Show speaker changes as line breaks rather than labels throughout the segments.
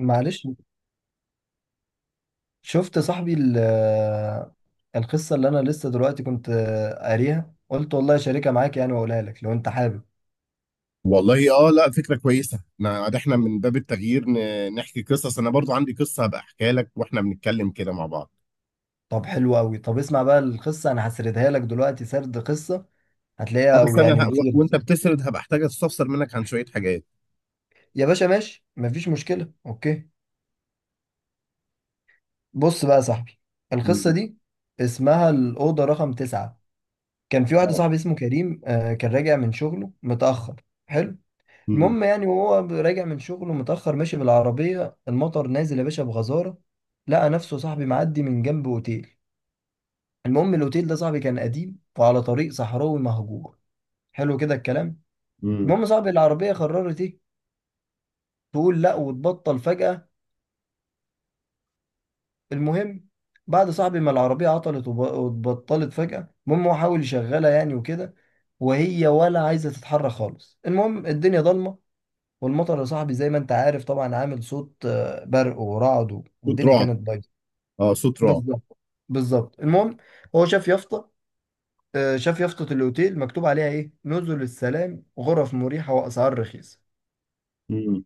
معلش شفت صاحبي القصة اللي أنا لسه دلوقتي كنت قاريها، قلت والله شاركها معاك يعني وأقولها لك لو أنت حابب.
والله اه لا فكرة كويسة. انا ده احنا من باب التغيير نحكي قصص، انا برضو عندي قصة هبقى احكيها لك واحنا بنتكلم كده مع بعض.
طب حلو أوي، طب اسمع بقى القصة، أنا هسردها لك دلوقتي، سرد قصة
اه
هتلاقيها
بس
أوي يعني
انا
مثير
وانت
بصراحة.
بتسرد هبقى احتاج استفسر منك عن شوية حاجات.
يا باشا ماشي مفيش مشكلة، أوكي. بص بقى يا صاحبي، القصة
امم.
دي اسمها الأوضة رقم تسعة. كان في واحد
اه.
صاحبي اسمه كريم، آه، كان راجع من شغله متأخر. حلو.
امم.
المهم يعني، وهو راجع من شغله متأخر، ماشي بالعربية، المطر نازل يا باشا بغزارة. لقى نفسه صاحبي معدي من جنب أوتيل. المهم الأوتيل ده صاحبي كان قديم وعلى طريق صحراوي مهجور. حلو كده الكلام.
امم.
المهم صاحبي العربية قررت إيه، تقول لأ وتبطل فجأة. المهم بعد صاحبي ما العربية عطلت واتبطلت فجأة، المهم هو حاول يشغلها يعني وكده، وهي ولا عايزة تتحرك خالص. المهم الدنيا ضلمة، والمطر يا صاحبي زي ما انت عارف طبعا عامل صوت، آه، برق ورعد،
صوت
والدنيا
رعب.
كانت بايظه.
اه، صوت رعب.
بالظبط، بالظبط. المهم هو شاف يافطه، آه، شاف يافطه الاوتيل مكتوب عليها ايه، نزل السلام، غرف مريحه واسعار رخيصه.
امم.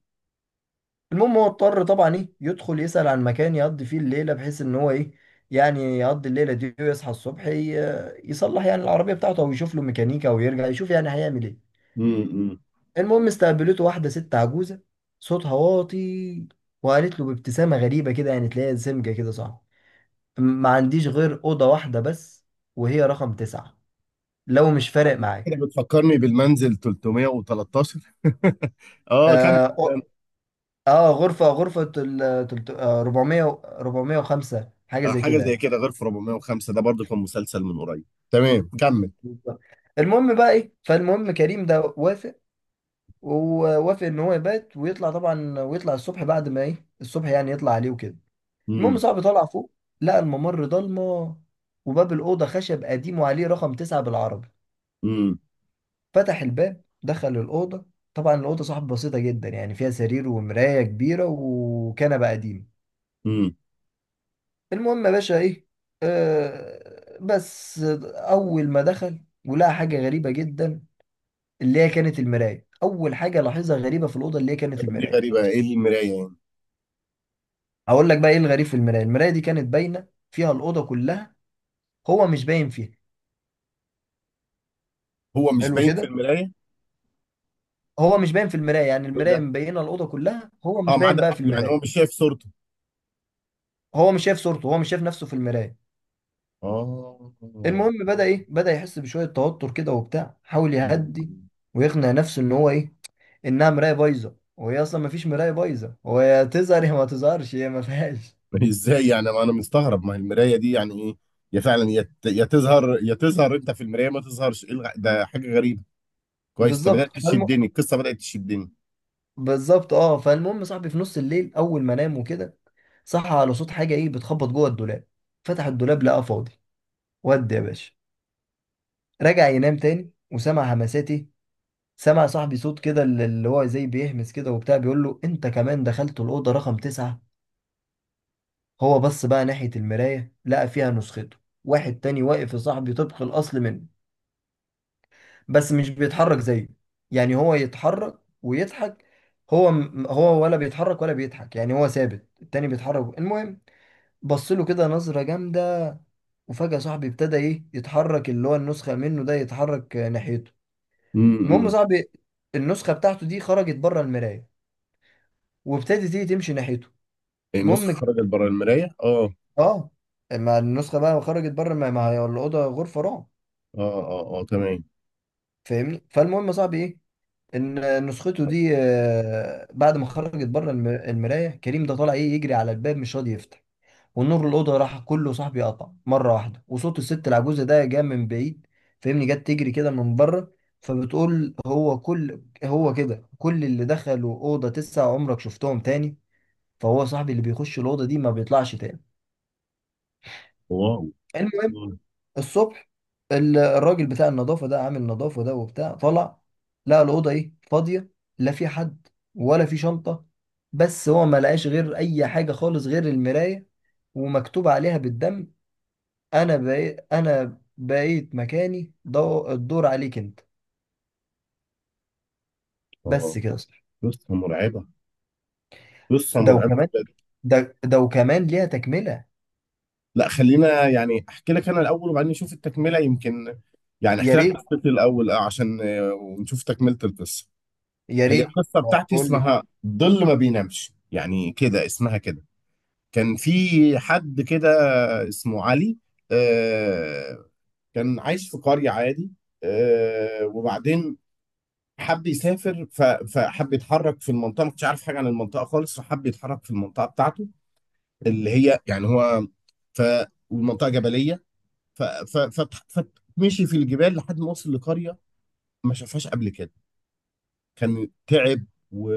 المهم هو اضطر طبعا ايه يدخل يسأل عن مكان يقضي فيه الليله، بحيث ان هو ايه يعني يقضي الليله دي ويصحى الصبح، يصلح يعني العربيه بتاعته او يشوف له ميكانيكا ويرجع يشوف يعني هيعمل ايه.
امم.
المهم استقبلته واحدة ست عجوزة، صوتها واطي، وقالت له بابتسامة غريبة كده يعني تلاقيها سمجة كده صعب، ما عنديش غير أوضة واحدة بس، وهي رقم تسعة، لو مش
لا،
فارق معاك.
كده بتفكرني بالمنزل 313 اه، كمل
آه,
كمل.
أو- آه، غرفة آه، 405 حاجة
آه،
زي
حاجة
كده
زي
يعني.
كده، غير في 405 ده برضو كان مسلسل من قريب. تمام، كمل.
بالظبط. المهم بقى إيه، فالمهم كريم ده وافق، ووافق إن هو يبات ويطلع طبعا، ويطلع الصبح بعد ما إيه الصبح يعني يطلع عليه وكده. المهم
امم.
صاحبي طالع فوق، لقى الممر ضلمه، وباب الاوضه خشب قديم وعليه رقم تسعة بالعربي.
امم.
فتح الباب، دخل الاوضه. طبعا الاوضه صاحبي بسيطه جدا يعني، فيها سرير ومرايه كبيره وكنبه قديم.
امم.
المهم يا باشا ايه، آه بس، اول ما دخل ولقى حاجه غريبه جدا، اللي هي كانت المرايه. اول حاجه لاحظها غريبه في الاوضه اللي هي كانت
دي
المرايه.
غريبة، ايه المراية يعني؟
هقول لك بقى ايه الغريب في المرايه، المرايه دي كانت باينه فيها الاوضه كلها، هو مش باين فيها.
هو مش
حلو
باين في
كده.
المرايه؟
هو مش باين في المرايه، يعني
ايه
المرايه
ده؟
مبينه الاوضه كلها، هو
اه،
مش
ما
باين
عدا
بقى في
يعني هو
المرايه،
مش شايف صورته.
هو مش شايف صورته، هو مش شايف نفسه في المرايه.
اه
المهم بدا ايه، بدا يحس بشويه توتر كده وبتاع، حاول
مم.
يهدي ويقنع نفسه ان هو ايه، انها مرايه بايظه. وهي اصلا ما فيش مرايه بايظه، هو يا تظهر يا ما تظهرش، هي ما فيهاش.
ازاي يعني؟ ما انا مستغرب، ما هي المرايه دي يعني ايه؟ يا فعلا يا تظهر يا تظهر انت في المرايه، ما تظهرش. ده حاجه غريبه. كويس، انت
بالظبط
بدات تشدني القصه، بدات تشدني.
بالظبط. اه فالمهم صاحبي في نص الليل اول ما نام وكده، صحى على صوت حاجه ايه بتخبط جوه الدولاب. فتح الدولاب لقاه فاضي. ودي يا باشا. رجع ينام تاني، وسمع همسات ايه، سمع صاحبي صوت كده اللي هو زي بيهمس كده وبتاع، بيقول له انت كمان دخلت الأوضة رقم تسعة. هو بص بقى ناحية المراية، لقى فيها نسخته، واحد تاني واقف يا صاحبي طبق الأصل منه، بس مش بيتحرك زيه. يعني هو يتحرك ويضحك، هو ولا بيتحرك ولا بيضحك، يعني هو ثابت، التاني بيتحرك. المهم بص له كده نظرة جامدة. وفجأة صاحبي ابتدى ايه يتحرك، اللي هو النسخة منه ده يتحرك، آه، ناحيته. المهم
امم.
صاحبي النسخة بتاعته دي خرجت بره المراية، وابتدت تيجي تمشي ناحيته.
النسخه
المهم ك-
خرجت بره المرايه، اه.
اه، ما النسخه بقى خرجت بره، ما هي الاوضه غرفه رعب.
اه. اه، اه، تمام.
فاهمني؟ فالمهم يا صاحبي ايه، ان نسخته دي آه، بعد ما خرجت بره المرايه، كريم ده طالع ايه يجري على الباب، مش راضي يفتح. والنور الاوضه راح كله صاحبي، قطع مره واحده، وصوت الست العجوزه ده جاء من بعيد، فاهمني، جت تجري كده من بره، فبتقول، هو كده كل اللي دخلوا اوضه تسعة عمرك شفتهم تاني؟ فهو صاحبي اللي بيخش الاوضه دي ما بيطلعش تاني.
واو.
المهم
اه.
الصبح الراجل بتاع النظافة ده، عامل نظافة ده وبتاع، طلع لقى الأوضة إيه، فاضية، لا في حد ولا في شنطة، بس هو ما لقاش غير أي حاجة خالص غير المراية، ومكتوب عليها بالدم، أنا بقيت مكاني الدور عليك أنت.
آه.
بس كده صح.
قصه مرعبه، قصه
ده
مرعبه.
وكمان، ده وكمان ليها تكملة.
لا، خلينا يعني احكي لك انا الاول وبعدين نشوف التكمله يمكن. يعني
يا
احكي لك
ريت،
قصتي الاول، آه، عشان، آه، ونشوف تكمله القصه.
يا
هي
ريت.
القصه بتاعتي
قول لي.
اسمها الظل ما بينامش، يعني كده اسمها كده. كان في حد كده اسمه علي، آه، كان عايش في قريه عادي. آه، وبعدين حب يسافر، فحب يتحرك في المنطقه، ما كنتش عارف حاجه عن المنطقه خالص، فحب يتحرك في المنطقه بتاعته، اللي هي يعني هو. ف. والمنطقه جبليه. ف ف ف فمشي في الجبال لحد ما وصل لقرية ما شافهاش قبل كده. كان تعب و...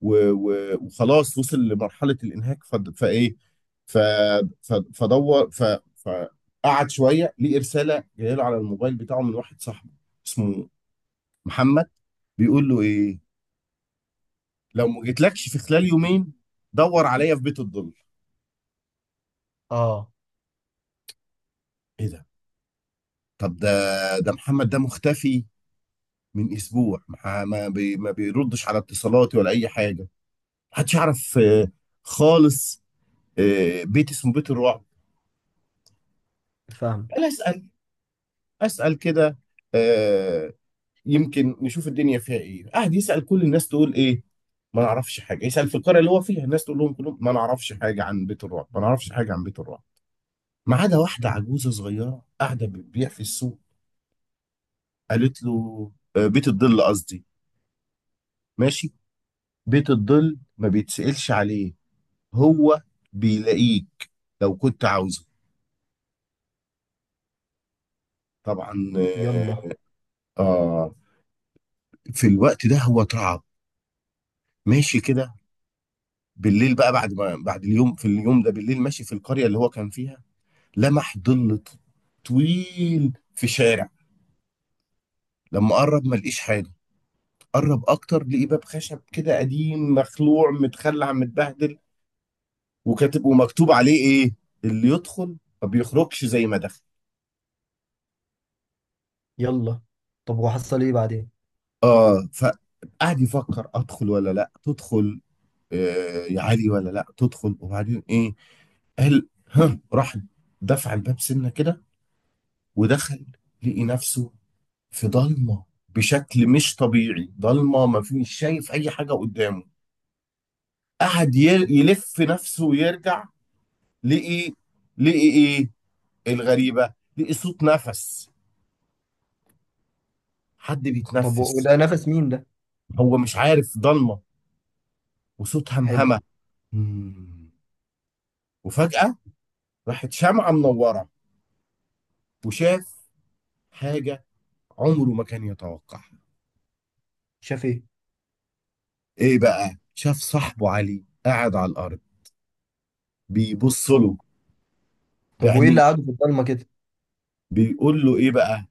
وخلاص، وصل لمرحلة الإنهاك. ف... ف... فدور. فقعد شوية، ليه رسالة جاية له على الموبايل بتاعه من واحد صاحبه اسمه محمد، بيقول له إيه: لو ما جيتلكش في خلال يومين، دور عليا في بيت الظل.
آه.
إيه ده؟ طب ده، ده محمد ده مختفي من اسبوع، ما بيردش على اتصالاتي ولا اي حاجه، محدش يعرف، آه، خالص. آه، بيت اسمه بيت الرعب.
فاهم.
انا اسال، اسال كده، آه، يمكن نشوف الدنيا فيها ايه. قاعد يسال كل الناس تقول ايه؟ ما نعرفش حاجه. يسال في القريه اللي هو فيها، الناس تقول لهم كلهم ما نعرفش حاجه عن بيت الرعب، ما نعرفش حاجه عن بيت الرعب، ما عدا واحده عجوزه صغيره قاعده بتبيع في السوق. قالت له آه، بيت الظل قصدي، ماشي، بيت الظل ما بيتسألش عليه، هو بيلاقيك لو كنت عاوزه. طبعا
يلا
آه. آه، في الوقت ده هو اترعب. ماشي كده، بالليل بقى، بعد ما بعد اليوم، في اليوم ده بالليل ماشي في القرية اللي هو كان فيها، لمح ظل طويل في شارع. لما قرب ما لقيش حاجة، قرب أكتر، لقي باب خشب كده قديم مخلوع متخلع متبهدل، وكاتب ومكتوب عليه إيه: اللي يدخل ما بيخرجش زي ما دخل.
يلا. طب وحصل إيه بعدين؟
آه، فقعد يفكر أدخل ولا لأ تدخل، آه، يا عالي، ولا لا تدخل؟ وبعدين ايه؟ قال ها، راح دفع الباب سنه كده ودخل، لقي نفسه في ضلمه بشكل مش طبيعي، ضلمه ما فيش شايف اي حاجه قدامه. قعد يلف نفسه ويرجع، لقي لقي ايه الغريبه؟ لقي صوت نفس، حد
طب
بيتنفس،
وده نفس مين ده؟
هو مش عارف، ضلمه، وصوت
حلو.
همهمه. مم. وفجاه راحت شمعه منوره وشاف حاجه عمره ما كان يتوقعها.
شاف ايه؟
ايه بقى؟ شاف صاحبه علي قاعد على الارض بيبص
طب،
له
طب وايه
بعينيه،
اللي قعدوا في الضلمه كده؟
بيقول له ايه بقى.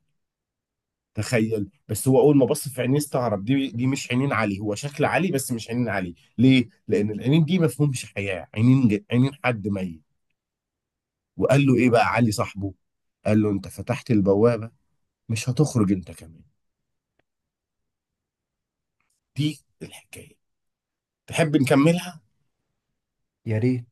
تخيل بس، هو اول ما بص في عينيه استغرب، دي مش عينين علي، هو شكل علي بس مش عينين علي، ليه؟ لان العينين دي ما فيهمش حياه، عينين عينين حد ميت. وقال له ايه بقى علي صاحبه؟ قال له انت فتحت البوابه، مش هتخرج انت كمان. دي الحكايه، تحب نكملها؟
يا ريت.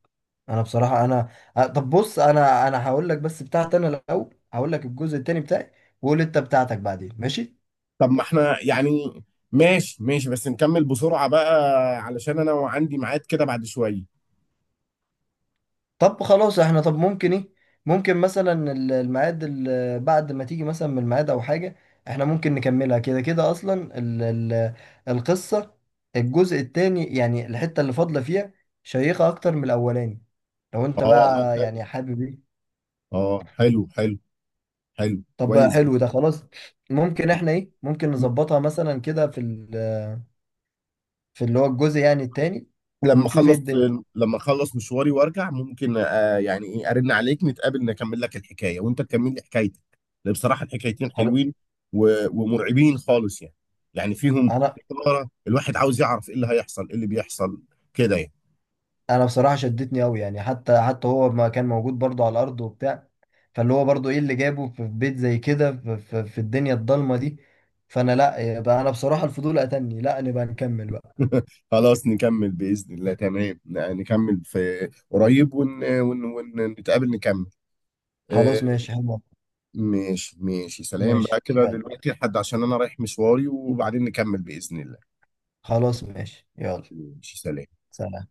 انا بصراحه انا، طب بص، انا هقول لك بس بتاعتي انا الاول، هقول لك الجزء التاني بتاعي، وقول انت بتاعتك بعدين، ماشي؟
طب ما احنا يعني، ماشي ماشي، بس نكمل بسرعه بقى، علشان انا عندي ميعاد كده بعد شويه.
طب خلاص احنا، طب ممكن ايه، ممكن مثلا الميعاد بعد ما تيجي مثلا من الميعاد او حاجه، احنا ممكن نكملها كده كده اصلا، ال ال القصه الجزء التاني يعني الحته اللي فاضله فيها شيقه اكتر من الاولاني، لو انت
اه،
بقى يعني حابب إيه؟
اه، حلو حلو، حلو،
طب بقى
كويس جدا.
حلو، ده خلاص، ممكن احنا ايه، ممكن نظبطها مثلا كده في في اللي هو الجزء يعني التاني،
لما
ونشوف ايه
اخلص،
الدنيا.
لما اخلص مشواري وارجع ممكن آه، يعني ايه، ارن عليك، نتقابل، نكمل لك الحكايه وانت تكمل لي حكايتك، لأن بصراحه الحكايتين
خلاص.
حلوين ومرعبين خالص يعني، يعني فيهم
انا
إثارة، الواحد عاوز يعرف ايه اللي هيحصل، ايه اللي بيحصل كده يعني.
انا بصراحة شدتني قوي يعني، حتى هو ما كان موجود برضو على الارض وبتاع، فاللي هو برضو ايه اللي جابه في بيت زي كده، في الدنيا الضلمة دي. فانا لا يبقى، انا بصراحة الفضول قتلني، لا نبقى نكمل بقى.
خلاص نكمل باذن الله، تمام، نكمل في قريب ونتقابل نتقابل نكمل. آه،
خلاص ماشي حلو،
ماشي ماشي، سلام بقى
ماشي
كده
يلا،
دلوقتي لحد، عشان انا رايح مشواري وبعدين نكمل بإذن الله.
خلاص ماشي يلا،
ماشي، سلام.
سلام.